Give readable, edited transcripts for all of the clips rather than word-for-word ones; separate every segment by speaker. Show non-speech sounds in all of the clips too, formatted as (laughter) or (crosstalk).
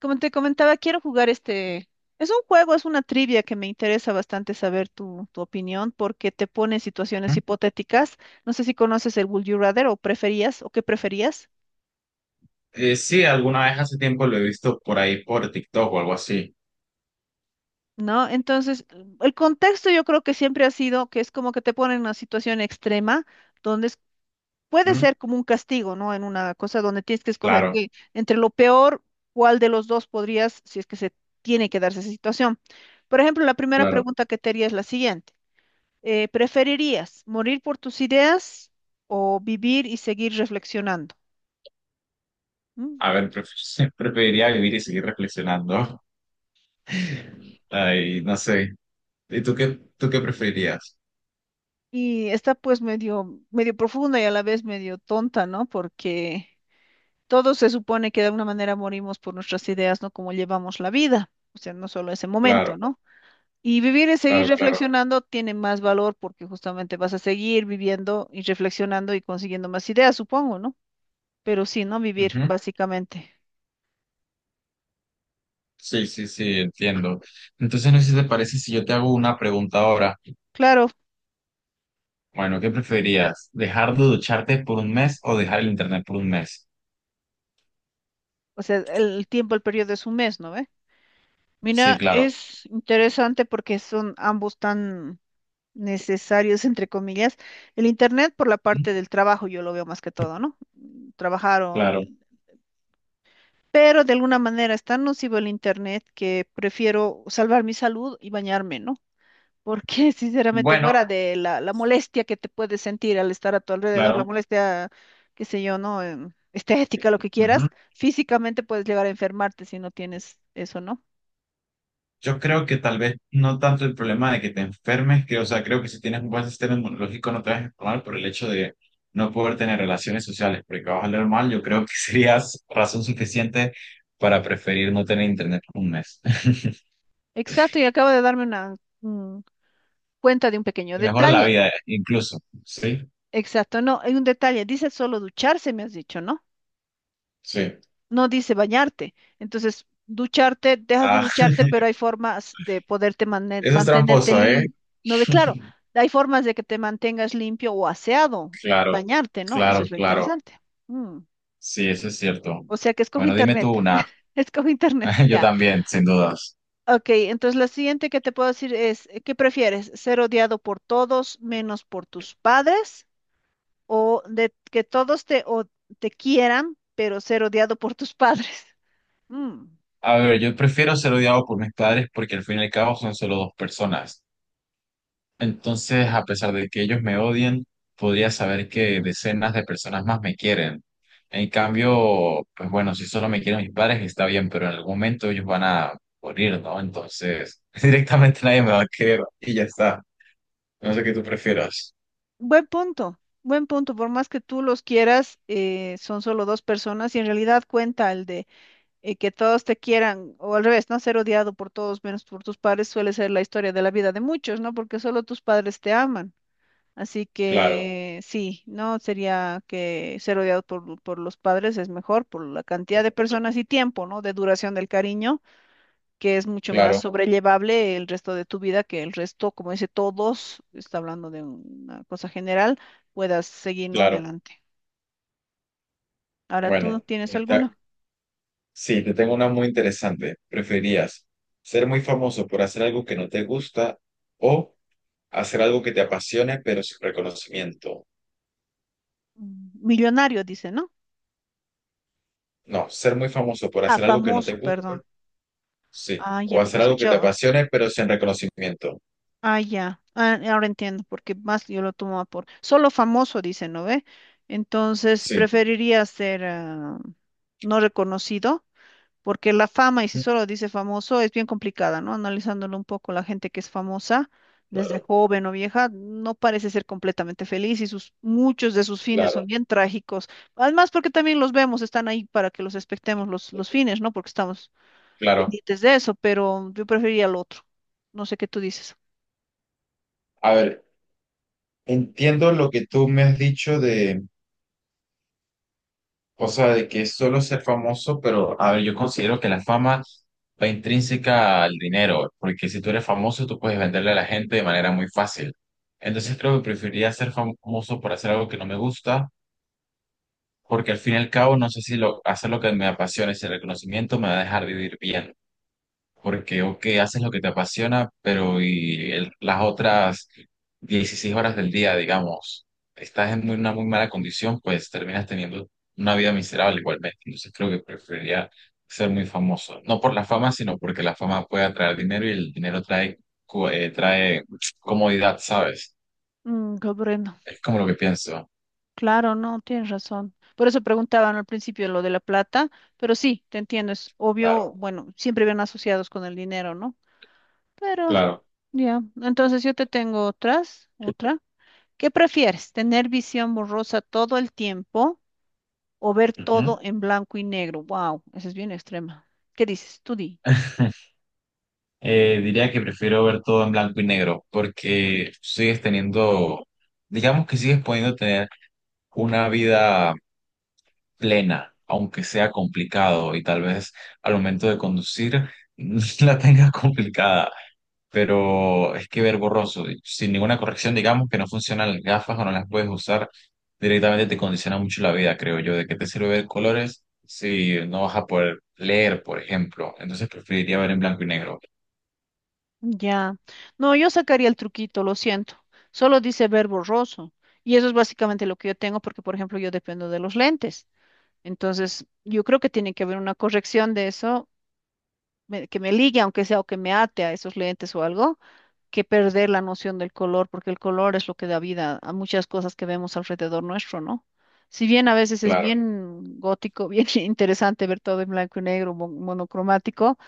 Speaker 1: Como te comentaba, quiero jugar este. Es un juego, es una trivia que me interesa bastante saber tu opinión porque te pone en situaciones
Speaker 2: ¿Mm?
Speaker 1: hipotéticas. No sé si conoces el Would You Rather o preferías o qué preferías,
Speaker 2: Sí, alguna vez hace tiempo lo he visto por ahí por TikTok o algo así.
Speaker 1: ¿no? Entonces, el contexto yo creo que siempre ha sido que es como que te ponen en una situación extrema donde puede
Speaker 2: ¿Mm?
Speaker 1: ser como un castigo, ¿no? En una cosa donde tienes que escoger
Speaker 2: Claro,
Speaker 1: que entre lo peor, cuál de los dos podrías, si es que se tiene que darse esa situación. Por ejemplo, la primera
Speaker 2: claro.
Speaker 1: pregunta que te haría es la siguiente. ¿Preferirías morir por tus ideas o vivir y seguir reflexionando? ¿Mm?
Speaker 2: A ver, (laughs) preferiría vivir y seguir reflexionando. (laughs) Ay, no sé. ¿Y tú qué preferirías?
Speaker 1: Y está pues medio profunda y a la vez medio tonta, ¿no? Porque todos se supone que de alguna manera morimos por nuestras ideas, ¿no? Como llevamos la vida, o sea, no solo ese momento,
Speaker 2: Claro,
Speaker 1: ¿no? Y vivir y seguir
Speaker 2: claro, claro.
Speaker 1: reflexionando tiene más valor porque justamente vas a seguir viviendo y reflexionando y consiguiendo más ideas, supongo, ¿no? Pero sí, ¿no? Vivir,
Speaker 2: Ujú.
Speaker 1: básicamente.
Speaker 2: Sí, sí, sí, entiendo. Entonces, no sé si te parece si yo te hago una pregunta ahora.
Speaker 1: Claro,
Speaker 2: Bueno, ¿qué preferirías? ¿Dejar de ducharte por un mes o dejar el internet por un mes?
Speaker 1: o sea, el tiempo, el periodo es un mes, ¿no? ve
Speaker 2: Sí,
Speaker 1: Mira,
Speaker 2: claro.
Speaker 1: es interesante porque son ambos tan necesarios, entre comillas. El Internet por la
Speaker 2: ¿Mm?
Speaker 1: parte del trabajo, yo lo veo más que todo, ¿no? Trabajar o...
Speaker 2: Claro.
Speaker 1: Pero de alguna manera es tan nocivo el Internet que prefiero salvar mi salud y bañarme, ¿no? Porque (laughs) sinceramente
Speaker 2: Bueno,
Speaker 1: fuera de la molestia que te puedes sentir al estar a tu alrededor, la
Speaker 2: claro.
Speaker 1: molestia, qué sé yo, ¿no? Estética, lo que quieras,
Speaker 2: Ujú.
Speaker 1: físicamente puedes llegar a enfermarte si no tienes eso, ¿no?
Speaker 2: Yo creo que tal vez no tanto el problema de que te enfermes, que, o sea, creo que si tienes un buen sistema inmunológico no te vas a enfermar por el hecho de no poder tener relaciones sociales, porque vas a oler mal, yo creo que (laughs) serías razón suficiente para preferir no tener internet un mes. (laughs)
Speaker 1: Exacto, y acaba de darme una... cuenta de un pequeño
Speaker 2: Te mejora la
Speaker 1: detalle.
Speaker 2: vida, incluso. Sí,
Speaker 1: Exacto, no, hay un detalle. Dice solo ducharse, me has dicho, ¿no?
Speaker 2: sí.
Speaker 1: No dice bañarte. Entonces, ducharte, dejas de
Speaker 2: Ah,
Speaker 1: ducharte,
Speaker 2: (laughs)
Speaker 1: pero hay formas de poderte
Speaker 2: eso es
Speaker 1: mantenerte
Speaker 2: tramposo, ¿eh?
Speaker 1: limpio. No ve, claro,
Speaker 2: (laughs)
Speaker 1: hay formas de que te mantengas limpio o aseado,
Speaker 2: Claro,
Speaker 1: bañarte, ¿no? Eso
Speaker 2: claro,
Speaker 1: es lo
Speaker 2: claro.
Speaker 1: interesante. Mm,
Speaker 2: Sí, eso es cierto.
Speaker 1: O sea que escoge
Speaker 2: Bueno, dime
Speaker 1: internet.
Speaker 2: tú una.
Speaker 1: (laughs) Escoge internet,
Speaker 2: (laughs) Yo
Speaker 1: ya.
Speaker 2: también, sin dudas.
Speaker 1: Ok, entonces la siguiente que te puedo decir es, ¿qué prefieres? ¿Ser odiado por todos menos por tus padres? O de que todos te, o- te quieran, pero ser odiado por tus (laughs) padres. Mm,
Speaker 2: A ver, yo prefiero ser odiado por mis padres porque al fin y al cabo son solo dos personas. Entonces, a pesar de que ellos me odien, podría saber que decenas de personas más me quieren. En cambio, pues bueno, si solo me quieren mis padres está bien, pero en algún momento ellos van a morir, ¿no? Entonces, (laughs) directamente nadie me va a querer y ya está. No sé qué tú prefieras.
Speaker 1: buen punto, buen punto. Por más que tú los quieras, son solo dos personas y en realidad cuenta el de que todos te quieran, o al revés, ¿no? Ser odiado por todos menos por tus padres suele ser la historia de la vida de muchos, ¿no? Porque solo tus padres te aman. Así
Speaker 2: Claro,
Speaker 1: que sí, no sería que ser odiado por los padres es mejor por la cantidad de personas y tiempo, ¿no? De duración del cariño que es mucho más
Speaker 2: claro,
Speaker 1: sobrellevable el resto de tu vida que el resto, como dice todos, está hablando de una cosa general, puedas seguir, ¿no?
Speaker 2: claro.
Speaker 1: Adelante. Ahora tú
Speaker 2: Bueno,
Speaker 1: tienes alguna.
Speaker 2: sí, te tengo una muy interesante. ¿Preferirías ser muy famoso por hacer algo que no te gusta o hacer algo que te apasione pero sin reconocimiento?
Speaker 1: Millonario, dice, ¿no?
Speaker 2: No, ser muy famoso por
Speaker 1: Ah,
Speaker 2: hacer algo que no
Speaker 1: famoso,
Speaker 2: te gusta,
Speaker 1: perdón.
Speaker 2: sí.
Speaker 1: Ah, ya,
Speaker 2: O
Speaker 1: porque
Speaker 2: hacer algo que
Speaker 1: escuché.
Speaker 2: te apasione pero sin reconocimiento.
Speaker 1: Ah, ya. Ah, ahora entiendo, porque más yo lo tomaba por. Solo famoso, dice, ¿no ve? Entonces,
Speaker 2: Sí,
Speaker 1: preferiría ser no reconocido porque la fama, y si
Speaker 2: Ujú.
Speaker 1: solo dice famoso, es bien complicada, ¿no? Analizándolo un poco, la gente que es famosa, desde
Speaker 2: Claro,
Speaker 1: joven o vieja, no parece ser completamente feliz y muchos de sus fines
Speaker 2: claro,
Speaker 1: son bien trágicos. Además, porque también los vemos, están ahí para que los expectemos los fines, ¿no? Porque estamos
Speaker 2: claro.
Speaker 1: pendientes de eso, pero yo preferiría el otro. No sé qué tú dices.
Speaker 2: A ver, entiendo lo que tú me has dicho. O sea, de que es solo ser famoso, pero a ver, yo considero que la fama va intrínseca al dinero, porque si tú eres famoso, tú puedes venderle a la gente de manera muy fácil. Entonces creo que preferiría ser famoso por hacer algo que no me gusta, porque al fin y al cabo no sé si lo, hacer lo que me apasiona, ese reconocimiento me va a dejar vivir bien, porque ok, haces lo que te apasiona, pero y las otras 16 horas del día, digamos, estás en una muy mala condición, pues terminas teniendo una vida miserable igualmente. Entonces creo que preferiría ser muy famoso, no por la fama, sino porque la fama puede atraer dinero y el dinero trae, trae comodidad, ¿sabes?
Speaker 1: Comprendo.
Speaker 2: Es como lo que pienso.
Speaker 1: Claro, no, tienes razón. Por eso preguntaban al principio lo de la plata, pero sí, te entiendo, es obvio,
Speaker 2: Claro,
Speaker 1: bueno, siempre van asociados con el dinero, ¿no? Pero
Speaker 2: claro.
Speaker 1: ya, entonces yo te tengo otra. ¿Qué prefieres? ¿Tener visión borrosa todo el tiempo o ver
Speaker 2: Ujú.
Speaker 1: todo en blanco y negro? Wow, esa es bien extrema. ¿Qué dices? Tú di.
Speaker 2: (laughs) Diría que prefiero ver todo en blanco y negro porque sigues teniendo, digamos que sigues pudiendo tener una vida plena, aunque sea complicado y tal vez al momento de conducir (laughs) la tengas complicada, pero es que ver borroso, sin ninguna corrección, digamos que no funcionan las gafas o no las puedes usar, directamente te condiciona mucho la vida, creo yo. ¿De qué te sirve ver colores si no vas a poder leer, por ejemplo? Entonces preferiría ver en blanco y negro.
Speaker 1: Ya. No, yo sacaría el truquito, lo siento. Solo dice ver borroso. Y eso es básicamente lo que yo tengo porque, por ejemplo, yo dependo de los lentes. Entonces, yo creo que tiene que haber una corrección de eso que me ligue, aunque sea, o que me ate a esos lentes o algo, que perder la noción del color, porque el color es lo que da vida a muchas cosas que vemos alrededor nuestro, ¿no? Si bien a veces es
Speaker 2: Claro,
Speaker 1: bien gótico, (laughs) bien interesante ver todo en blanco y negro, monocromático,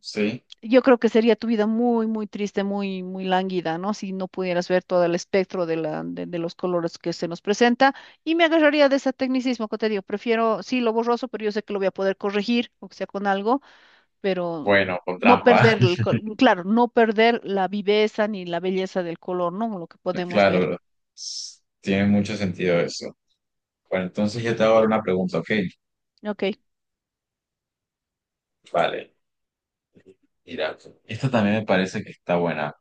Speaker 2: sí.
Speaker 1: yo creo que sería tu vida muy triste, muy lánguida, ¿no? Si no pudieras ver todo el espectro de los colores que se nos presenta. Y me agarraría de ese tecnicismo que te digo, prefiero, sí, lo borroso, pero yo sé que lo voy a poder corregir, o sea, con algo pero
Speaker 2: Bueno, con
Speaker 1: no
Speaker 2: trampa.
Speaker 1: perder,
Speaker 2: (laughs)
Speaker 1: claro, no perder la viveza ni la belleza del color, ¿no? Lo que podemos ver.
Speaker 2: Claro, tiene mucho sentido eso. Bueno, entonces yo te hago ahora una pregunta, ¿ok?
Speaker 1: Ok,
Speaker 2: Vale. Mira, esta también me parece que está buena.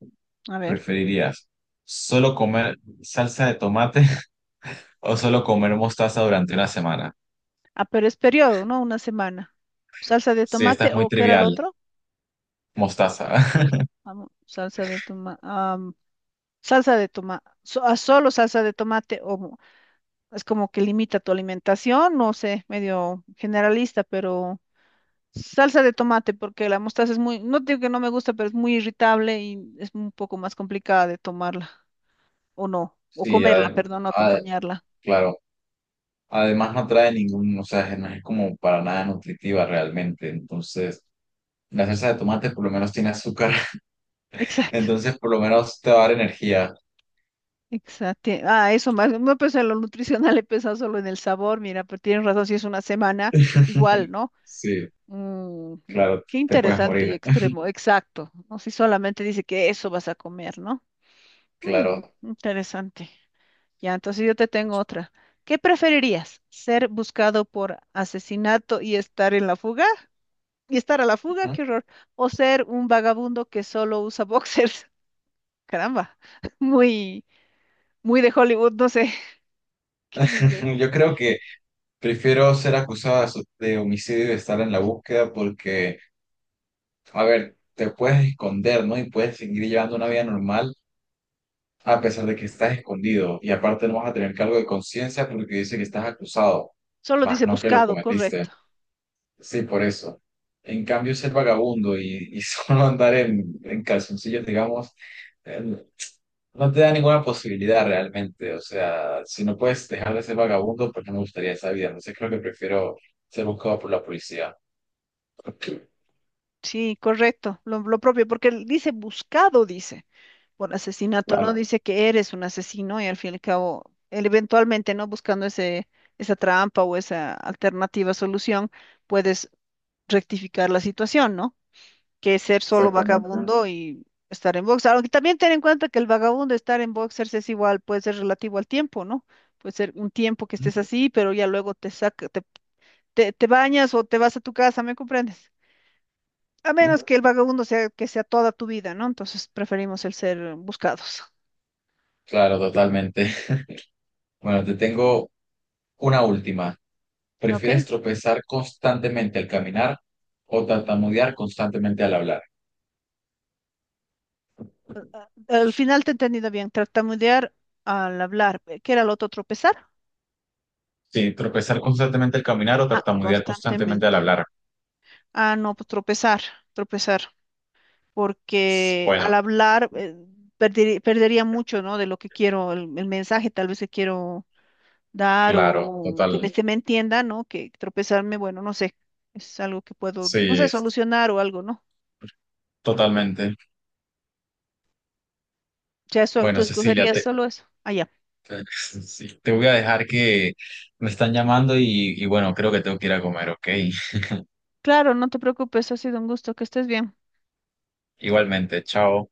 Speaker 1: a ver.
Speaker 2: ¿Preferirías solo comer salsa de tomate (laughs) o solo comer mostaza durante una semana?
Speaker 1: Ah, pero es periodo, ¿no? Una semana. ¿Salsa de
Speaker 2: Sí, esta es
Speaker 1: tomate
Speaker 2: muy
Speaker 1: o qué era el
Speaker 2: trivial,
Speaker 1: otro?
Speaker 2: mostaza. (laughs)
Speaker 1: Vamos, salsa de tomate. Salsa de tomate. Solo salsa de tomate o mo- Es como que limita tu alimentación, no sé, medio generalista, pero salsa de tomate porque la mostaza es muy, no digo que no me gusta, pero es muy irritable y es un poco más complicada de tomarla. O no, o
Speaker 2: Sí,
Speaker 1: comerla, perdón, o acompañarla.
Speaker 2: claro. Además no trae ningún, o sea, no es como para nada nutritiva realmente. Entonces, la salsa de tomate por lo menos tiene azúcar, (laughs)
Speaker 1: Exacto,
Speaker 2: entonces por lo menos te va a dar energía.
Speaker 1: exacto. Ah, eso más, no no, pues en lo nutricional (laughs) he pensado solo en el sabor, mira, pero tienes razón, si es una semana, igual,
Speaker 2: (laughs)
Speaker 1: ¿no?
Speaker 2: Sí, claro,
Speaker 1: Qué
Speaker 2: te puedes
Speaker 1: interesante y
Speaker 2: morir. (laughs)
Speaker 1: extremo, exacto, no si solamente dice que eso vas a comer, ¿no?
Speaker 2: Claro.
Speaker 1: Interesante. Ya, entonces yo te tengo otra. ¿Qué preferirías? ¿Ser buscado por asesinato y estar en la fuga? ¿Y estar a la fuga? ¡Qué horror! ¿O ser un vagabundo que solo usa (laughs) boxers? Caramba, (laughs) muy, muy de Hollywood, no sé (laughs) qué dice.
Speaker 2: (laughs) Yo creo que prefiero ser acusado de de homicidio y estar en la búsqueda porque, a ver, te puedes esconder, ¿no? Y puedes seguir llevando una vida normal a pesar de que estás escondido. Y aparte no vas a tener cargo de conciencia porque dice que estás acusado,
Speaker 1: Solo
Speaker 2: más
Speaker 1: dice
Speaker 2: no que lo
Speaker 1: buscado,
Speaker 2: cometiste.
Speaker 1: correcto.
Speaker 2: Sí, por eso. En cambio, ser vagabundo y (laughs) solo andar en calzoncillos, digamos, no te da ninguna posibilidad realmente. O sea, si no puedes dejar de ser vagabundo, pues no me gustaría esa vida. Entonces creo que prefiero ser buscado por la policía.
Speaker 1: Sí, correcto, lo propio, porque él dice buscado, dice, por asesinato, no
Speaker 2: Claro,
Speaker 1: dice que eres un asesino y al fin y al cabo, él eventualmente, ¿no? Buscando esa trampa o esa alternativa solución, puedes rectificar la situación, ¿no? Que ser solo
Speaker 2: exactamente.
Speaker 1: vagabundo y estar en boxer. Aunque también ten en cuenta que el vagabundo estar en boxers es igual, puede ser relativo al tiempo, ¿no? Puede ser un tiempo que
Speaker 2: Ujú.
Speaker 1: estés así, pero ya luego te bañas o te vas a tu casa, ¿me comprendes? A menos que el vagabundo sea toda tu vida, ¿no? Entonces preferimos el ser buscados.
Speaker 2: Claro, totalmente. (laughs) Bueno, te tengo una última.
Speaker 1: ¿Ok?
Speaker 2: ¿Prefieres tropezar constantemente al caminar o tartamudear constantemente al hablar?
Speaker 1: Al final te he entendido bien. Tartamudear al hablar. ¿Qué era lo otro? ¿Tropezar?
Speaker 2: Sí, tropezar constantemente al caminar o
Speaker 1: Ah,
Speaker 2: tartamudear constantemente al
Speaker 1: constantemente.
Speaker 2: hablar.
Speaker 1: Ah, no, pues tropezar. Porque al
Speaker 2: Bueno,
Speaker 1: hablar perdería mucho, ¿no? De lo que quiero, el mensaje tal vez que quiero dar
Speaker 2: claro,
Speaker 1: o que me,
Speaker 2: total.
Speaker 1: se me entienda, ¿no? Que tropezarme, bueno, no sé, es algo que puedo,
Speaker 2: Sí,
Speaker 1: no sé, solucionar o algo, ¿no?
Speaker 2: totalmente.
Speaker 1: Ya eso, tú
Speaker 2: Bueno, Cecilia,
Speaker 1: escogerías
Speaker 2: te
Speaker 1: solo eso. Allá.
Speaker 2: sí, te voy a dejar que me están llamando y bueno, creo que tengo que ir a comer, ¿ok? (laughs)
Speaker 1: Claro, no te preocupes, ha sido un gusto, que estés bien.
Speaker 2: Igualmente, chao.